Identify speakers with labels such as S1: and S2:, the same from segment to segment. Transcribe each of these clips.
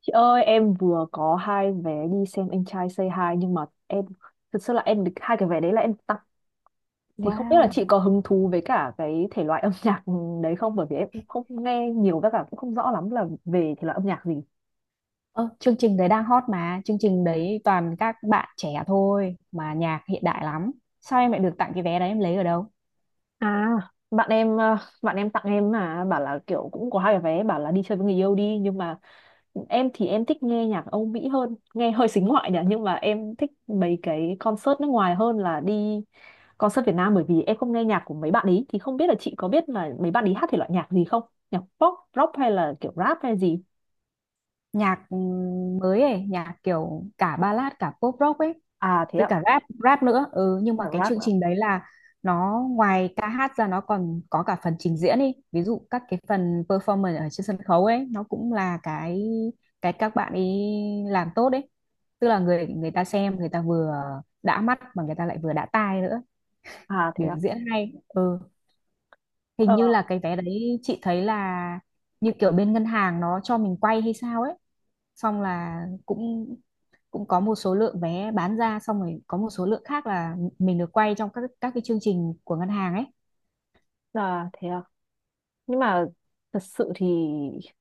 S1: Chị ơi, em vừa có 2 vé đi xem anh trai Say Hi nhưng mà em thực sự là em được 2 cái vé đấy là em tặng, thì không biết là
S2: Wow.
S1: chị có hứng thú với cả cái thể loại âm nhạc đấy không, bởi vì em cũng không nghe nhiều với cả cũng không rõ lắm là về thể loại âm nhạc gì.
S2: Ơ, chương trình đấy đang hot mà, chương trình đấy toàn các bạn trẻ thôi mà nhạc hiện đại lắm. Sao em lại được tặng cái vé đấy em lấy ở đâu?
S1: À, bạn em bạn em tặng em mà bảo là kiểu cũng có 2 cái vé, bảo là đi chơi với người yêu đi, nhưng mà em thì em thích nghe nhạc Âu Mỹ hơn, nghe hơi xính ngoại nhỉ, nhưng mà em thích mấy cái concert nước ngoài hơn là đi concert Việt Nam, bởi vì em không nghe nhạc của mấy bạn ấy, thì không biết là chị có biết là mấy bạn ấy hát thể loại nhạc gì không, nhạc pop rock hay là kiểu rap hay gì.
S2: Nhạc mới ấy, nhạc kiểu cả ballad cả pop rock ấy
S1: À thế
S2: với
S1: ạ.
S2: cả rap rap nữa. Ừ, nhưng mà
S1: À,
S2: cái
S1: rap
S2: chương
S1: ạ.
S2: trình đấy là nó ngoài ca hát ra nó còn có cả phần trình diễn đi. Ví dụ các cái phần performance ở trên sân khấu ấy nó cũng là cái các bạn ấy làm tốt đấy. Tức là người người ta xem người ta vừa đã mắt mà người ta lại vừa đã tai nữa,
S1: À thế
S2: biểu
S1: ạ.
S2: diễn hay. Ừ, hình
S1: Ờ,
S2: như là cái vé đấy chị thấy là như kiểu bên ngân hàng nó cho mình quay hay sao ấy, xong là cũng cũng có một số lượng vé bán ra xong rồi có một số lượng khác là mình được quay trong các cái chương trình của ngân hàng ấy.
S1: à thế ạ. Nhưng mà thật sự thì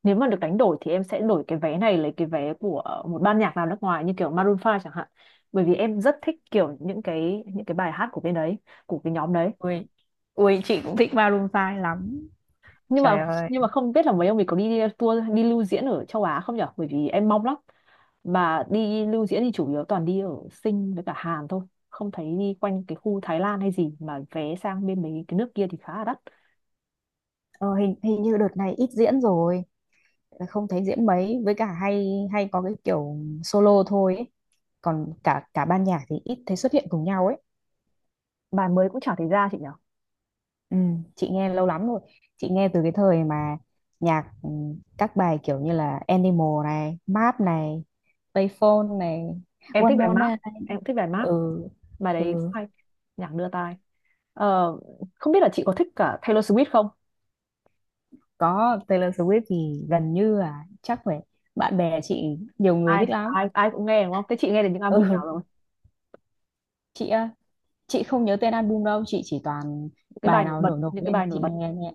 S1: nếu mà được đánh đổi thì em sẽ đổi cái vé này lấy cái vé của một ban nhạc nào nước ngoài như kiểu Maroon 5 chẳng hạn, bởi vì em rất thích kiểu những cái bài hát của bên đấy, của cái nhóm đấy.
S2: Ui, ui chị cũng thích Maroon 5 lắm.
S1: nhưng mà
S2: Trời ơi.
S1: nhưng mà không biết là mấy ông mình có đi tour đi lưu diễn ở châu Á không nhở, bởi vì em mong lắm, mà đi lưu diễn thì chủ yếu toàn đi ở Sing với cả Hàn thôi, không thấy đi quanh cái khu Thái Lan hay gì, mà vé sang bên mấy cái nước kia thì khá là đắt.
S2: Ờ, hình hình như đợt này ít diễn rồi, không thấy diễn mấy, với cả hay hay có cái kiểu solo thôi ấy. Còn cả cả ban nhạc thì ít thấy xuất hiện cùng nhau ấy.
S1: Bài mới cũng chả thấy ra chị nhở.
S2: Ừ, chị nghe lâu lắm rồi. Chị nghe từ cái thời mà nhạc các bài kiểu như là Animal này, Map này, Payphone này,
S1: Em
S2: One
S1: thích bài
S2: More
S1: Mark.
S2: Night này.
S1: Em cũng thích bài Mark,
S2: Ừ,
S1: bài đấy cũng
S2: ừ,
S1: hay, nhạc đưa tai. Ờ, không biết là chị có thích cả Taylor Swift không.
S2: có Taylor Swift thì gần như là chắc phải, bạn bè chị nhiều người
S1: Ai
S2: thích lắm.
S1: ai ai cũng nghe đúng không, thế chị nghe được những
S2: Ừ,
S1: album nào rồi,
S2: chị á, chị không nhớ tên album đâu, chị chỉ toàn
S1: những cái
S2: bài
S1: bài nổi
S2: nào
S1: bật,
S2: nổi nổi
S1: những cái
S2: lên thì
S1: bài nổi
S2: chị
S1: bật.
S2: nghe nhẹ.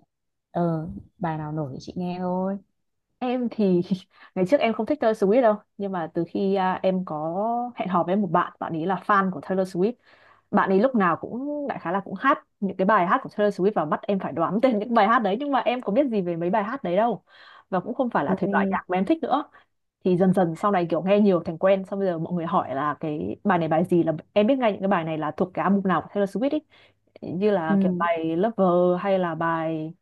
S2: Ờ, bài nào nổi thì chị nghe thôi.
S1: Em thì ngày trước em không thích Taylor Swift đâu, nhưng mà từ khi em có hẹn hò với một bạn, bạn ấy là fan của Taylor Swift, bạn ấy lúc nào cũng đại khái là cũng hát những cái bài hát của Taylor Swift và bắt em phải đoán tên những bài hát đấy, nhưng mà em có biết gì về mấy bài hát đấy đâu, và cũng không phải là thể loại
S2: Ui,
S1: nhạc mà em thích nữa. Thì dần dần sau này kiểu nghe nhiều thành quen, xong bây giờ mọi người hỏi là cái bài này bài gì là em biết ngay những cái bài này là thuộc cái album nào của Taylor Swift ấy, như
S2: ừ,
S1: là kiểu bài Lover hay là bài,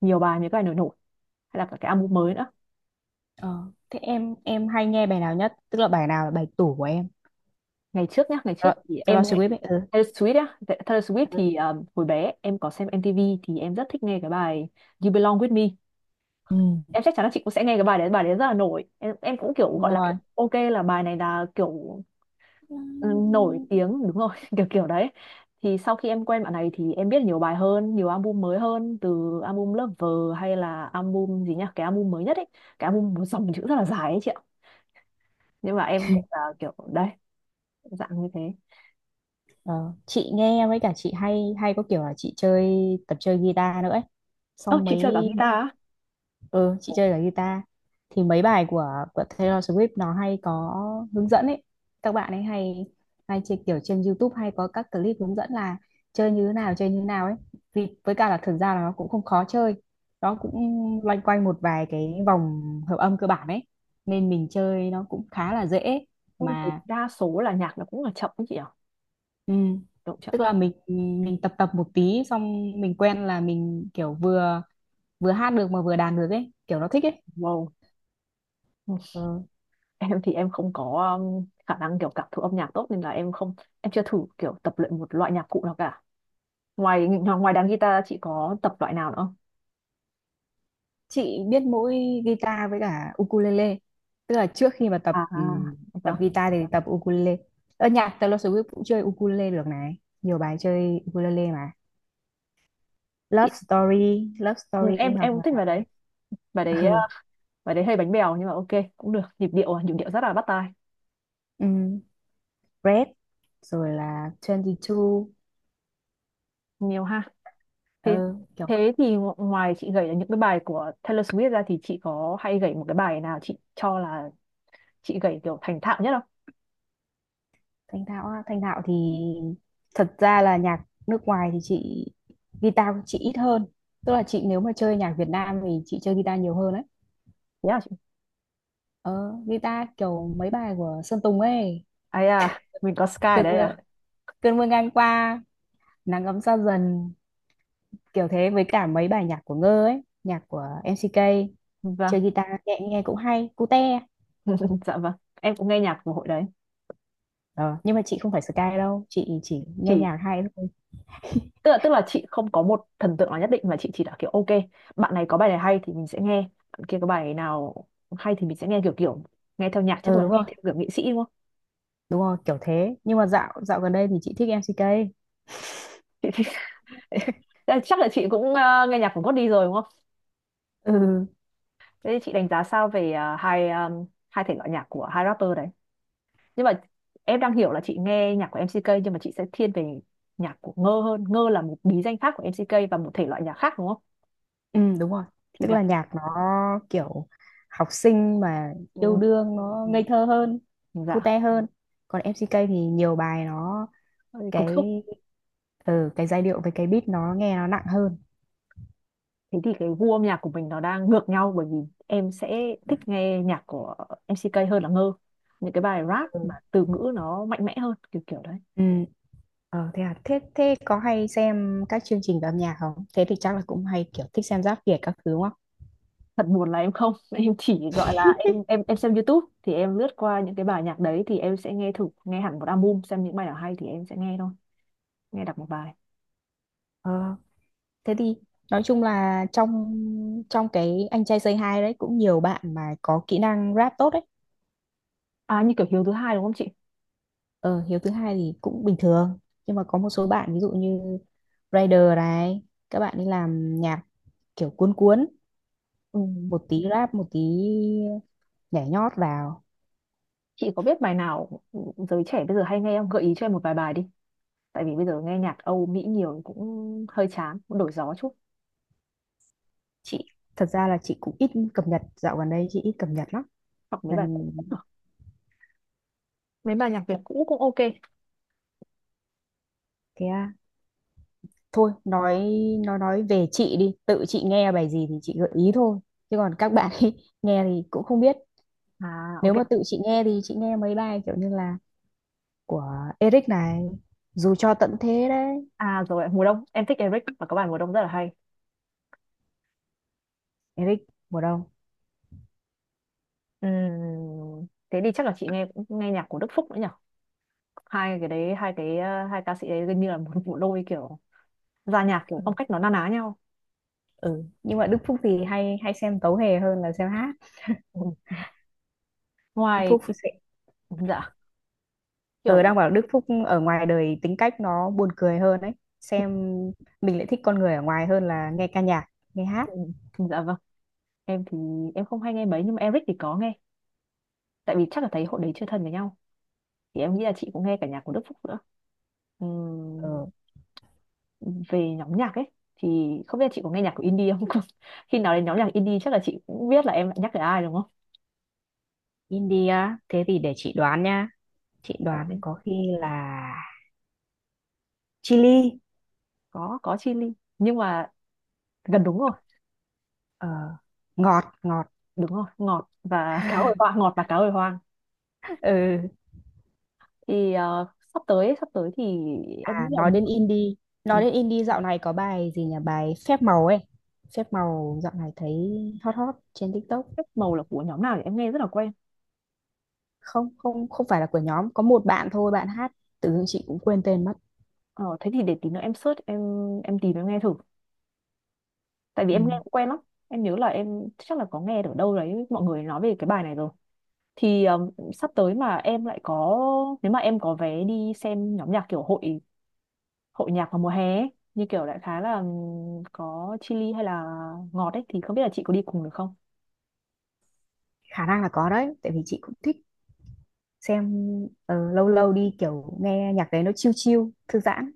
S1: nhiều bài, những cái bài nổi nổi, hay là cả cái album mới nữa.
S2: ờ, thế em hay nghe bài nào nhất? Tức là bài nào là bài tủ của em?
S1: Ngày trước
S2: Rồi,
S1: thì em
S2: Taylor
S1: nghe
S2: Swift ấy. Ừ,
S1: Taylor Swift á. Taylor Swift thì hồi bé em có xem MTV thì em rất thích nghe cái bài You Belong With Me.
S2: ừ,
S1: Em chắc chắn là chị cũng sẽ nghe cái bài đấy, bài đấy rất là nổi, em cũng kiểu
S2: đúng
S1: gọi là
S2: rồi.
S1: kiểu, ok là bài này là kiểu, ừ, nổi tiếng đúng rồi, kiểu kiểu đấy. Thì sau khi em quen bạn này thì em biết nhiều bài hơn, nhiều album mới hơn, từ album Lover hay là album gì nhá, cái album mới nhất ấy, cái album một dòng chữ rất là dài ấy chị ạ, nhưng mà em cũng là kiểu đấy, dạng như thế.
S2: Ờ, chị nghe với cả chị hay hay có kiểu là chị chơi tập chơi guitar nữa ấy.
S1: Ơ
S2: Xong
S1: chị
S2: mấy,
S1: chơi cả guitar á?
S2: ừ chị chơi cả guitar thì mấy bài của Taylor Swift nó hay có hướng dẫn ấy, các bạn ấy hay hay chơi kiểu trên YouTube hay có các clip hướng dẫn là chơi như thế nào chơi như thế nào ấy, vì với cả là thực ra là nó cũng không khó chơi, nó cũng loanh quanh một vài cái vòng hợp âm cơ bản ấy, nên mình chơi nó cũng khá là dễ
S1: Em thì
S2: mà.
S1: đa số là nhạc nó cũng là chậm ấy chị ạ.
S2: Ừ,
S1: Độ chậm.
S2: tức là mình tập tập một tí xong mình quen là mình kiểu vừa vừa hát được mà vừa đàn được ấy kiểu nó thích ấy.
S1: Wow.
S2: Ừ.
S1: Em thì em không có khả năng kiểu cảm thụ âm nhạc tốt nên là em không, em chưa thử kiểu tập luyện một loại nhạc cụ nào cả. Ngoài ngoài đàn guitar chị có tập loại nào nữa không?
S2: Chị biết mỗi guitar với cả ukulele, tức là trước khi mà tập
S1: À,
S2: tập
S1: vâng.
S2: guitar thì tập ukulele, ở nhạc Taylor Swift cũng chơi ukulele được này, nhiều bài chơi ukulele mà
S1: Chị,
S2: Love Story Love
S1: ừ,
S2: Story
S1: em
S2: hoặc
S1: em cũng
S2: là
S1: thích bài đấy, bài đấy,
S2: ừ,
S1: bài đấy hơi bánh bèo nhưng mà ok, cũng được, nhịp điệu rất là bắt tai.
S2: ừm, Red rồi là 22,
S1: Nhiều ha. Thế,
S2: ừ, kiểu.
S1: thế thì ngoài chị gảy là những cái bài của Taylor Swift ra thì chị có hay gảy một cái bài nào chị cho là chị gảy kiểu thành thạo nhất không?
S2: Thanh thạo á. Thanh thạo thì thật ra là nhạc nước ngoài thì chị guitar chị ít hơn, tức là chị nếu mà chơi nhạc Việt Nam thì chị chơi guitar nhiều hơn á.
S1: Thế. Yeah,
S2: Ờ, guitar kiểu mấy bài của Sơn Tùng ấy,
S1: ấy à, mình có Sky ở
S2: cơn
S1: đây
S2: mưa
S1: à.
S2: cơn mưa ngang qua, nắng ấm xa dần, kiểu thế, với cả mấy bài nhạc của Ngơ ấy, nhạc của MCK, chơi
S1: Vâng.
S2: guitar nhẹ nghe cũng hay cute.
S1: Dạ vâng, em cũng nghe nhạc của hội đấy.
S2: Ờ, nhưng mà chị không phải Sky đâu, chị chỉ nghe
S1: Chỉ,
S2: nhạc hay thôi.
S1: tức là chị không có một thần tượng nào nhất định, mà chị chỉ là kiểu ok, bạn này có bài này hay thì mình sẽ nghe, bạn kia có bài nào hay thì mình sẽ nghe, kiểu kiểu nghe theo nhạc, chắc
S2: Ừ
S1: là
S2: đúng
S1: nghe
S2: rồi,
S1: theo kiểu nghệ sĩ đúng không.
S2: đúng rồi kiểu thế, nhưng mà dạo dạo gần đây thì chị thích MCK.
S1: Chị thì thế là chắc là chị cũng nghe nhạc của Gót đi rồi đúng không.
S2: Ừ.
S1: Thế thì chị đánh giá sao về 2, 2 thể loại nhạc của 2 rapper đấy, nhưng mà em đang hiểu là chị nghe nhạc của MCK nhưng mà chị sẽ thiên về nhạc của Ngơ hơn, Ngơ là một bí danh khác của MCK và một thể loại nhạc khác đúng không.
S2: Ừ đúng rồi.
S1: Thì
S2: Tức
S1: là,
S2: là nhạc nó kiểu học sinh mà
S1: ừ,
S2: yêu đương nó
S1: ừ.
S2: ngây thơ hơn,
S1: Dạ.
S2: cute hơn. Còn MCK thì nhiều bài nó
S1: Cục
S2: cái,
S1: xúc.
S2: ừ, cái giai điệu với cái beat nó nghe nó nặng hơn.
S1: Thế thì cái gu âm nhạc của mình nó đang ngược nhau, bởi vì em sẽ thích nghe nhạc của MCK hơn là Ngơ, những cái bài rap
S2: Ừ.
S1: mà từ ngữ nó mạnh mẽ hơn, kiểu kiểu đấy.
S2: Ừ. Ờ, thế à, thế thế có hay xem các chương trình về âm nhạc không? Thế thì chắc là cũng hay kiểu thích xem Giáp Việt các thứ đúng không?
S1: Thật buồn là em không, em chỉ gọi là em, em xem YouTube thì em lướt qua những cái bài nhạc đấy, thì em sẽ nghe thử, nghe hẳn một album xem những bài nào hay thì em sẽ nghe thôi, nghe đọc một bài.
S2: Ờ, thế thì nói chung là trong trong cái anh trai Say Hi đấy cũng nhiều bạn mà có kỹ năng rap tốt đấy.
S1: À như kiểu Hiếu thứ hai đúng không chị?
S2: Ờ, hiếu thứ hai thì cũng bình thường, nhưng mà có một số bạn ví dụ như rider này, các bạn đi làm nhạc kiểu cuốn cuốn
S1: Ừ.
S2: một tí rap một tí nhảy nhót vào.
S1: Chị có biết bài nào, giới trẻ bây giờ hay nghe không? Gợi ý cho em một vài bài đi. Tại vì bây giờ nghe nhạc Âu Mỹ nhiều cũng hơi chán, cũng đổi gió chút.
S2: Chị thật ra là chị cũng ít cập nhật, dạo gần đây chị ít cập nhật lắm,
S1: Hoặc mấy bài
S2: gần
S1: cũ cũng được. Mấy bài nhạc Việt cũ cũng ok.
S2: cái thôi nói nói về chị đi, tự chị nghe bài gì thì chị gợi ý thôi, chứ còn các bạn ấy nghe thì cũng không biết.
S1: À
S2: Nếu
S1: ok.
S2: mà tự chị nghe thì chị nghe mấy bài kiểu như là của Eric này, dù cho tận thế đấy.
S1: À rồi, mùa đông. Em thích Eric và có bài mùa đông rất là hay.
S2: Eric mùa đông.
S1: Thế thì chắc là chị nghe nghe nhạc của Đức Phúc nữa nhỉ? Hai cái đấy, hai cái, hai ca sĩ đấy gần như là một bộ đôi, kiểu ra nhạc kiểu phong cách nó na ná nhau.
S2: Ừ. Nhưng mà Đức Phúc thì hay hay xem tấu hề hơn là xem hát.
S1: Ừ.
S2: Đức
S1: Ngoài.
S2: Phúc sẽ
S1: Dạ.
S2: ừ,
S1: Kiểu.
S2: đang bảo Đức Phúc ở ngoài đời tính cách nó buồn cười hơn đấy, xem mình lại thích con người ở ngoài hơn là nghe ca nhạc nghe hát.
S1: Ừ, dạ vâng, em thì em không hay nghe mấy nhưng mà Eric thì có nghe, tại vì chắc là thấy hội đấy chưa thân với nhau, thì em nghĩ là chị cũng nghe cả nhạc của Đức Phúc nữa.
S2: Ừ.
S1: Về nhóm nhạc ấy thì không biết là chị có nghe nhạc của indie không, khi nào đến nhóm nhạc indie chắc là chị cũng biết là em lại nhắc tới ai đúng không.
S2: India, thế thì để chị đoán nha, chị
S1: Chị đoán
S2: đoán
S1: đấy.
S2: có khi là chili.
S1: Có Chillies nhưng mà gần đúng rồi.
S2: Ờ, ngọt ngọt.
S1: Đúng rồi, ngọt và cá hồi hoang, ngọt và cá hồi hoang.
S2: Ừ.
S1: Thì sắp tới, sắp tới thì em nghĩ
S2: À
S1: là,
S2: nói đến indie, nói đến indie dạo này có bài gì nhỉ, bài phép màu ấy, phép màu dạo này thấy hot hot trên TikTok.
S1: Phép màu là của nhóm nào thì em nghe rất là quen.
S2: Không không không phải là của nhóm, có một bạn thôi bạn hát, tự dưng chị cũng quên tên mất.
S1: Ờ, thế thì để tí nữa em search, em tìm em nghe thử, tại vì
S2: Ừ.
S1: em nghe cũng quen lắm, em nhớ là em chắc là có nghe ở đâu đấy mọi người nói về cái bài này rồi. Thì sắp tới mà em lại có, nếu mà em có vé đi xem nhóm nhạc kiểu hội, hội nhạc vào mùa hè ấy, như kiểu đại khái là có Chillies hay là Ngọt ấy, thì không biết là chị có đi cùng được không.
S2: Khả năng là có đấy, tại vì chị cũng thích xem, ờ, lâu lâu đi kiểu nghe nhạc đấy nó chill chill thư giãn.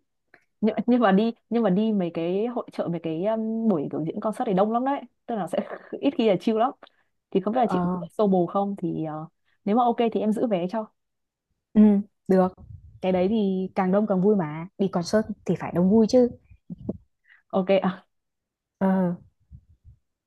S1: Nhưng mà đi mấy cái hội chợ, mấy cái buổi biểu diễn concert thì đông lắm đấy, tức là sẽ ít khi là chill lắm, thì không biết là chị có
S2: Ờ,
S1: solo không, thì nếu mà ok thì em giữ vé cho.
S2: ừ, được, cái đấy thì càng đông càng vui mà, đi concert thì phải đông vui chứ.
S1: Ok.
S2: Ờ.